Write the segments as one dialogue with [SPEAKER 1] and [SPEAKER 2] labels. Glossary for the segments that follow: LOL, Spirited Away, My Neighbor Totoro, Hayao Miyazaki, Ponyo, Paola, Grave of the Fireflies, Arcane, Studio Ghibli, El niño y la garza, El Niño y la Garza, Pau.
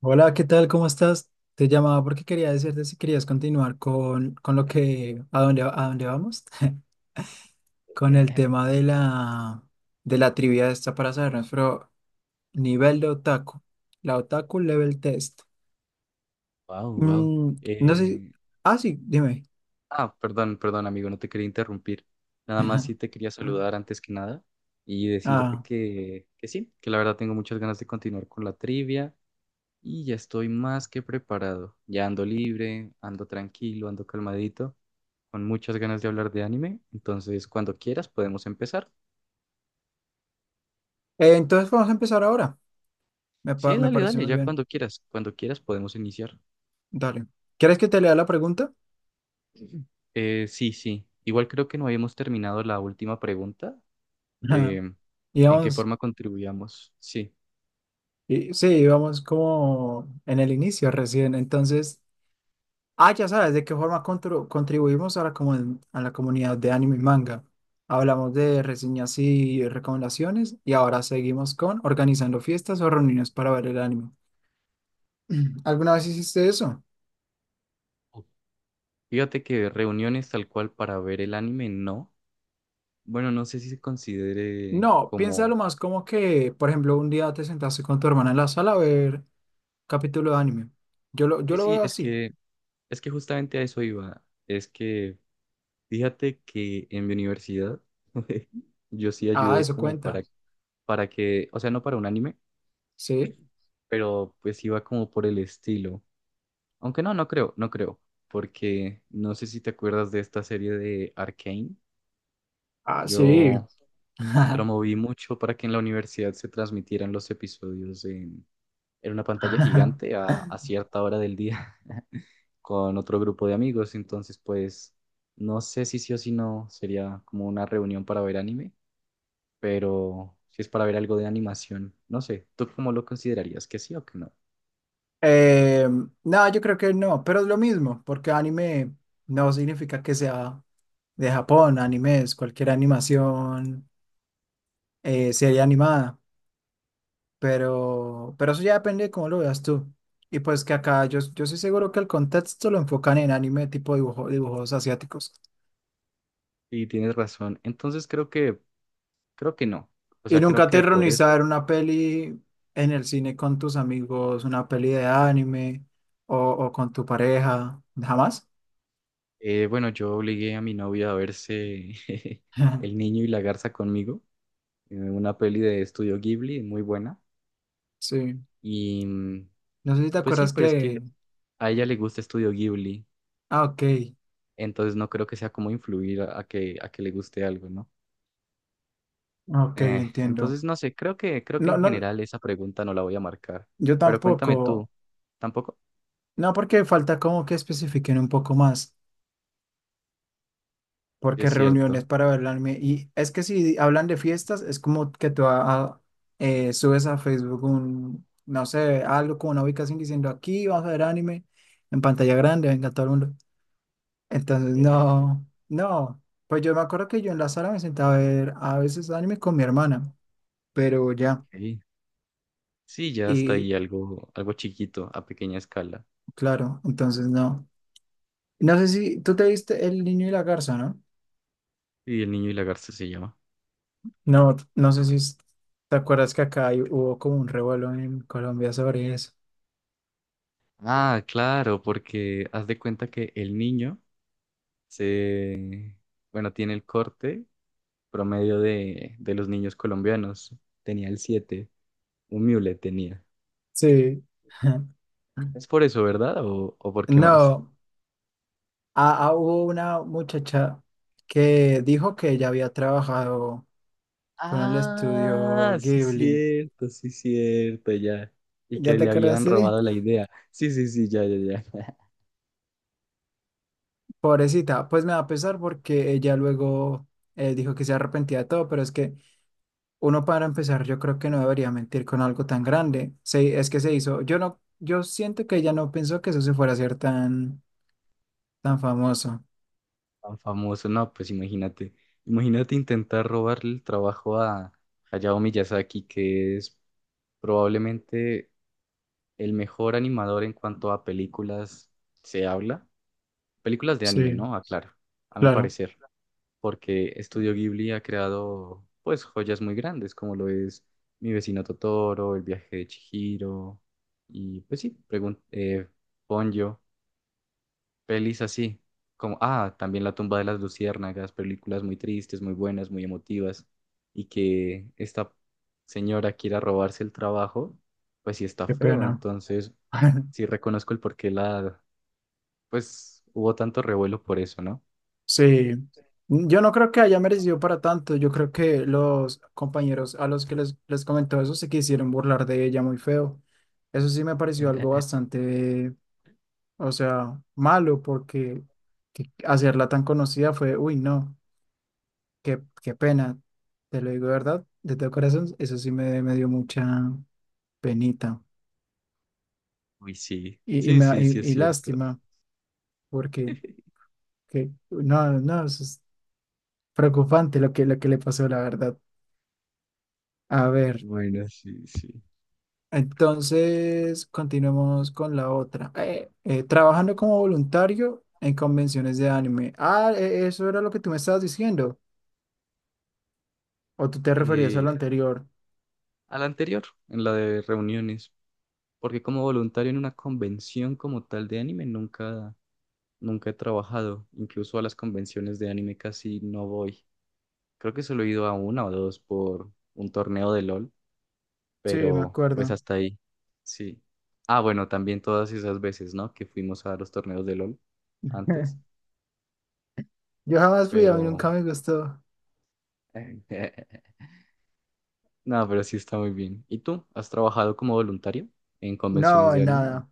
[SPEAKER 1] Hola, ¿qué tal? ¿Cómo estás? Te llamaba porque quería decirte si querías continuar con lo que, a dónde vamos, con el tema de la trivia esta para saber nuestro nivel de otaku, la otaku level test.
[SPEAKER 2] Wow, wow.
[SPEAKER 1] No sé,
[SPEAKER 2] Eh,
[SPEAKER 1] ah, sí, dime.
[SPEAKER 2] perdón, perdón, amigo, no te quería interrumpir. Nada más sí te quería saludar antes que nada y decirte
[SPEAKER 1] Ah,
[SPEAKER 2] que sí, que la verdad tengo muchas ganas de continuar con la trivia y ya estoy más que preparado. Ya ando libre, ando tranquilo, ando calmadito, con muchas ganas de hablar de anime. Entonces, cuando quieras podemos empezar.
[SPEAKER 1] entonces vamos a empezar ahora,
[SPEAKER 2] Sí,
[SPEAKER 1] me
[SPEAKER 2] dale,
[SPEAKER 1] parece
[SPEAKER 2] dale,
[SPEAKER 1] muy
[SPEAKER 2] ya
[SPEAKER 1] bien,
[SPEAKER 2] cuando quieras podemos iniciar.
[SPEAKER 1] dale. ¿Quieres que te lea la pregunta?
[SPEAKER 2] Sí, sí. Igual creo que no habíamos terminado la última pregunta, de
[SPEAKER 1] Y
[SPEAKER 2] en qué
[SPEAKER 1] vamos,
[SPEAKER 2] forma contribuíamos. Sí.
[SPEAKER 1] sí, vamos como en el inicio recién, entonces... Ah, ya sabes de qué forma contribuimos a a la comunidad de anime y manga. Hablamos de reseñas y recomendaciones y ahora seguimos con organizando fiestas o reuniones para ver el anime. ¿Alguna vez hiciste eso?
[SPEAKER 2] Ok. Fíjate que reuniones tal cual para ver el anime, no. Bueno, no sé si se considere
[SPEAKER 1] No, piénsalo
[SPEAKER 2] como...
[SPEAKER 1] más como que, por ejemplo, un día te sentaste con tu hermana en la sala a ver capítulo de anime.
[SPEAKER 2] Sí,
[SPEAKER 1] Yo lo
[SPEAKER 2] sí,
[SPEAKER 1] veo así.
[SPEAKER 2] es que justamente a eso iba. Es que fíjate que en mi universidad yo sí
[SPEAKER 1] Ah,
[SPEAKER 2] ayudé
[SPEAKER 1] eso
[SPEAKER 2] como
[SPEAKER 1] cuenta.
[SPEAKER 2] para que, o sea, no para un anime,
[SPEAKER 1] Sí.
[SPEAKER 2] pero pues iba como por el estilo. Aunque no, no creo, no creo. Porque no sé si te acuerdas de esta serie de Arcane.
[SPEAKER 1] Ah, sí.
[SPEAKER 2] Yo promoví mucho para que en la universidad se transmitieran los episodios en una pantalla gigante a cierta hora del día con otro grupo de amigos. Entonces, pues, no sé si sí o si no sería como una reunión para ver anime, pero si es para ver algo de animación, no sé. ¿Tú cómo lo considerarías? ¿Que sí o que no?
[SPEAKER 1] Eh, no, yo creo que no, pero es lo mismo, porque anime no significa que sea de Japón, anime es cualquier animación, serie animada, pero eso ya depende de cómo lo veas tú. Y pues que acá yo estoy seguro que el contexto lo enfocan en anime tipo dibujo, dibujos asiáticos.
[SPEAKER 2] Y tienes razón. Entonces, creo que no. O
[SPEAKER 1] Y
[SPEAKER 2] sea, creo
[SPEAKER 1] nunca
[SPEAKER 2] que
[SPEAKER 1] te
[SPEAKER 2] por
[SPEAKER 1] reunís a
[SPEAKER 2] eso,
[SPEAKER 1] ver una peli en el cine con tus amigos, una peli de anime o con tu pareja, jamás.
[SPEAKER 2] bueno, yo obligué a mi novia a verse El niño y la garza conmigo, una peli de Estudio Ghibli, muy buena.
[SPEAKER 1] Sí,
[SPEAKER 2] Y
[SPEAKER 1] no sé si te
[SPEAKER 2] pues sí,
[SPEAKER 1] acuerdas
[SPEAKER 2] pero es que
[SPEAKER 1] que...
[SPEAKER 2] a ella le gusta Estudio Ghibli,
[SPEAKER 1] Ah, ok,
[SPEAKER 2] entonces no creo que sea como influir a que le guste algo, ¿no?
[SPEAKER 1] ok, entiendo.
[SPEAKER 2] Entonces, no sé, creo que
[SPEAKER 1] No,
[SPEAKER 2] en
[SPEAKER 1] no,
[SPEAKER 2] general esa pregunta no la voy a marcar.
[SPEAKER 1] yo
[SPEAKER 2] Pero cuéntame tú,
[SPEAKER 1] tampoco.
[SPEAKER 2] ¿tampoco?
[SPEAKER 1] No, porque falta como que especifiquen un poco más,
[SPEAKER 2] Sí,
[SPEAKER 1] porque
[SPEAKER 2] es cierto.
[SPEAKER 1] reuniones para bailarme. Y es que si hablan de fiestas, es como que tú subes a Facebook un, no sé, algo como una ubicación diciendo aquí vamos a ver anime en pantalla grande, venga todo el mundo. Entonces, no, no. Pues yo me acuerdo que yo en la sala me sentaba a ver a veces anime con mi hermana, pero ya.
[SPEAKER 2] Ok. Sí, ya está
[SPEAKER 1] Y
[SPEAKER 2] ahí algo, algo chiquito, a pequeña escala.
[SPEAKER 1] claro, entonces no. No sé si tú te viste El Niño y la Garza, ¿no?
[SPEAKER 2] Y el niño y la garza se llama.
[SPEAKER 1] No, no sé si es- Te acuerdas que acá hubo como un revuelo en Colombia sobre eso.
[SPEAKER 2] Ah, claro, porque haz de cuenta que el niño se, bueno, tiene el corte promedio de los niños colombianos. Tenía el 7 un mule tenía.
[SPEAKER 1] Sí.
[SPEAKER 2] Es por eso, ¿verdad? O por qué más?
[SPEAKER 1] No, hubo una muchacha que dijo que ella había trabajado con el
[SPEAKER 2] Ah,
[SPEAKER 1] estudio Ghibli.
[SPEAKER 2] sí, cierto, ya. Y
[SPEAKER 1] ¿Ya
[SPEAKER 2] que
[SPEAKER 1] te
[SPEAKER 2] le
[SPEAKER 1] acuerdas
[SPEAKER 2] habían
[SPEAKER 1] de?
[SPEAKER 2] robado la idea. Sí, sí, sí, ya, ya, ya.
[SPEAKER 1] Pobrecita, pues me da pesar porque ella luego dijo que se arrepentía de todo, pero es que uno para empezar, yo creo que no debería mentir con algo tan grande. Es que se hizo. Yo siento que ella no pensó que eso se fuera a hacer tan, tan famoso.
[SPEAKER 2] Tan famoso. No, pues imagínate. Imagínate intentar robarle el trabajo a Hayao Miyazaki, que es probablemente el mejor animador en cuanto a películas se habla. Películas de anime,
[SPEAKER 1] Sí,
[SPEAKER 2] ¿no? Aclaro, a mi
[SPEAKER 1] claro,
[SPEAKER 2] parecer. Porque Estudio Ghibli ha creado pues joyas muy grandes, como lo es Mi vecino Totoro, El viaje de Chihiro, y pues sí, pregun Ponyo, pelis así, como, ah, también La tumba de las luciérnagas, películas muy tristes, muy buenas, muy emotivas, y que esta señora quiera robarse el trabajo, pues sí está
[SPEAKER 1] qué
[SPEAKER 2] feo,
[SPEAKER 1] pena.
[SPEAKER 2] entonces sí reconozco el por qué la, pues hubo tanto revuelo por eso, ¿no?
[SPEAKER 1] Sí, yo no creo que haya merecido para tanto. Yo creo que los compañeros a los que les comentó eso se quisieron burlar de ella muy feo. Eso sí me pareció algo bastante, o sea, malo porque hacerla tan conocida fue, uy, no. Qué, qué pena, te lo digo de verdad, de todo corazón, eso sí me dio mucha penita
[SPEAKER 2] Uy, sí, sí, sí, sí es
[SPEAKER 1] y
[SPEAKER 2] cierto.
[SPEAKER 1] lástima, porque que, no, no, eso es preocupante lo que le pasó, la verdad. A ver,
[SPEAKER 2] Bueno, sí, sí.
[SPEAKER 1] entonces continuemos con la otra. Trabajando como voluntario en convenciones de anime. Ah, eso era lo que tú me estabas diciendo, o tú te referías a lo
[SPEAKER 2] Claro.
[SPEAKER 1] anterior.
[SPEAKER 2] A la anterior, en la de reuniones, porque como voluntario en una convención como tal de anime nunca, nunca he trabajado. Incluso a las convenciones de anime casi no voy. Creo que solo he ido a una o dos por un torneo de LOL,
[SPEAKER 1] Sí, me
[SPEAKER 2] pero pues
[SPEAKER 1] acuerdo.
[SPEAKER 2] hasta ahí. Sí. Ah, bueno, también todas esas veces, ¿no? Que fuimos a los torneos de LOL antes,
[SPEAKER 1] Yo jamás fui, a mí
[SPEAKER 2] pero...
[SPEAKER 1] nunca me gustó.
[SPEAKER 2] No, pero sí está muy bien. ¿Y tú? ¿Has trabajado como voluntario en convenciones
[SPEAKER 1] No,
[SPEAKER 2] de
[SPEAKER 1] en
[SPEAKER 2] anime?
[SPEAKER 1] nada.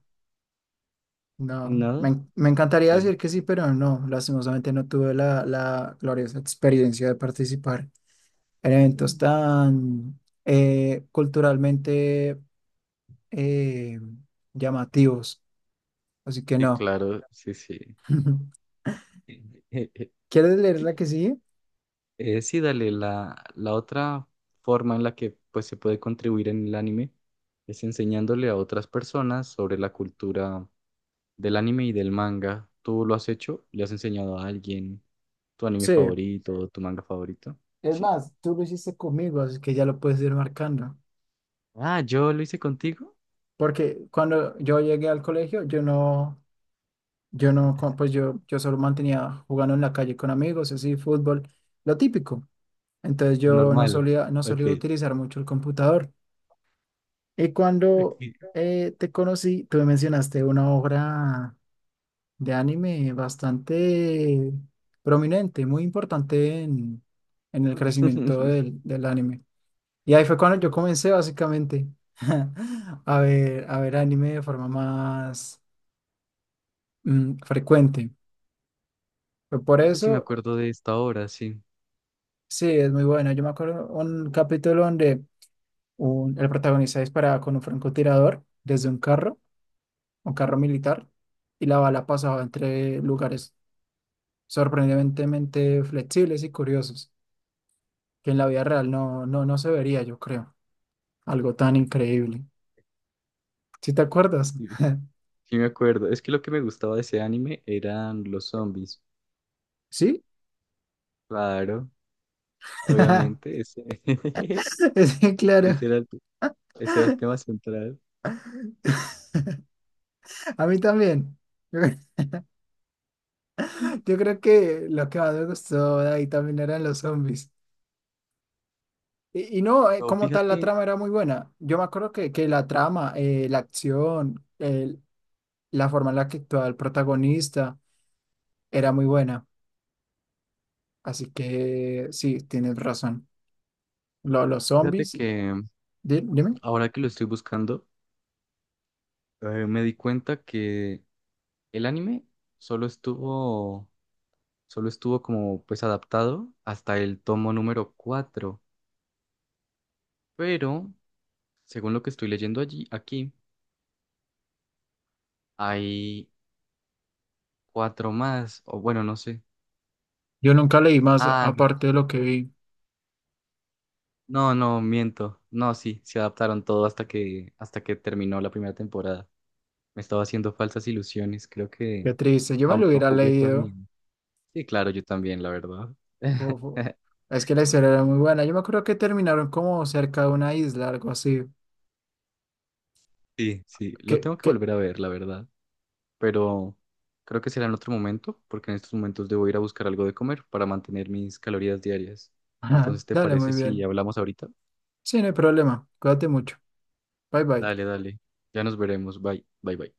[SPEAKER 1] No, me,
[SPEAKER 2] No,
[SPEAKER 1] en- Me encantaría
[SPEAKER 2] sí,
[SPEAKER 1] decir que sí, pero no, lastimosamente no tuve la gloriosa experiencia de participar en eventos
[SPEAKER 2] mm,
[SPEAKER 1] tan culturalmente eh, llamativos, así que
[SPEAKER 2] sí,
[SPEAKER 1] no.
[SPEAKER 2] claro, sí, sí.
[SPEAKER 1] ¿Quieres leer la que sigue?
[SPEAKER 2] Sí, dale, la otra forma en la que pues, se puede contribuir en el anime es enseñándole a otras personas sobre la cultura del anime y del manga. ¿Tú lo has hecho? ¿Le has enseñado a alguien tu anime
[SPEAKER 1] Sí.
[SPEAKER 2] favorito o tu manga favorito?
[SPEAKER 1] Es
[SPEAKER 2] Sí.
[SPEAKER 1] más, tú lo hiciste conmigo, así que ya lo puedes ir marcando.
[SPEAKER 2] Ah, ¿yo lo hice contigo?
[SPEAKER 1] Porque cuando yo llegué al colegio, yo no, yo no, co- pues yo solo mantenía jugando en la calle con amigos, así, fútbol, lo típico. Entonces
[SPEAKER 2] Lo
[SPEAKER 1] yo no
[SPEAKER 2] normal.
[SPEAKER 1] solía, no solía
[SPEAKER 2] Ok.
[SPEAKER 1] utilizar mucho el computador. Y cuando
[SPEAKER 2] Ok.
[SPEAKER 1] te conocí, tú me mencionaste una obra de anime bastante prominente, muy importante en el crecimiento del anime. Y ahí fue cuando yo
[SPEAKER 2] Creo
[SPEAKER 1] comencé básicamente a ver anime de forma más frecuente. Fue por
[SPEAKER 2] que sí me
[SPEAKER 1] eso,
[SPEAKER 2] acuerdo de esta hora, sí.
[SPEAKER 1] sí, es muy bueno. Yo me acuerdo un capítulo donde el protagonista disparaba con un francotirador desde un carro, un carro militar y la bala pasaba entre lugares sorprendentemente flexibles y curiosos, que en la vida real no se vería, yo creo. Algo tan increíble. ¿Sí te acuerdas?
[SPEAKER 2] Sí, me acuerdo. Es que lo que me gustaba de ese anime eran los zombies.
[SPEAKER 1] ¿Sí?
[SPEAKER 2] Claro, obviamente. Ese,
[SPEAKER 1] Sí,
[SPEAKER 2] ese
[SPEAKER 1] claro.
[SPEAKER 2] era el, ese era el tema central.
[SPEAKER 1] A mí también. Yo creo que lo que más me gustó de ahí también eran los zombies. Y no,
[SPEAKER 2] No,
[SPEAKER 1] como tal, la
[SPEAKER 2] fíjate,
[SPEAKER 1] trama era muy buena. Yo me acuerdo que la trama, la acción, la forma en la que actuaba el protagonista era muy buena. Así que sí, tienes razón. Los
[SPEAKER 2] fíjate
[SPEAKER 1] zombies,
[SPEAKER 2] que
[SPEAKER 1] dime.
[SPEAKER 2] ahora que lo estoy buscando, me di cuenta que el anime solo estuvo, solo estuvo como pues adaptado hasta el tomo número cuatro. Pero, según lo que estoy leyendo allí, aquí, hay cuatro más. O bueno, no sé.
[SPEAKER 1] Yo nunca leí más
[SPEAKER 2] Ah, no.
[SPEAKER 1] aparte de lo que vi.
[SPEAKER 2] No, no, miento. No, sí, se adaptaron todo hasta hasta que terminó la primera temporada. Me estaba haciendo falsas ilusiones. Creo que
[SPEAKER 1] Qué triste. Yo me lo hubiera
[SPEAKER 2] autojugué
[SPEAKER 1] leído.
[SPEAKER 2] conmigo. Sí, claro, yo también, la verdad.
[SPEAKER 1] Fu- fu- Es que la historia era muy buena. Yo me acuerdo que terminaron como cerca de una isla, algo así.
[SPEAKER 2] Sí, sí, lo tengo que
[SPEAKER 1] Que...
[SPEAKER 2] volver a ver, la verdad. Pero creo que será en otro momento, porque en estos momentos debo ir a buscar algo de comer para mantener mis calorías diarias. Entonces, ¿te
[SPEAKER 1] Dale, muy
[SPEAKER 2] parece si
[SPEAKER 1] bien.
[SPEAKER 2] hablamos ahorita?
[SPEAKER 1] Sí, no hay problema. Cuídate mucho. Bye bye.
[SPEAKER 2] Dale, dale. Ya nos veremos. Bye, bye, bye.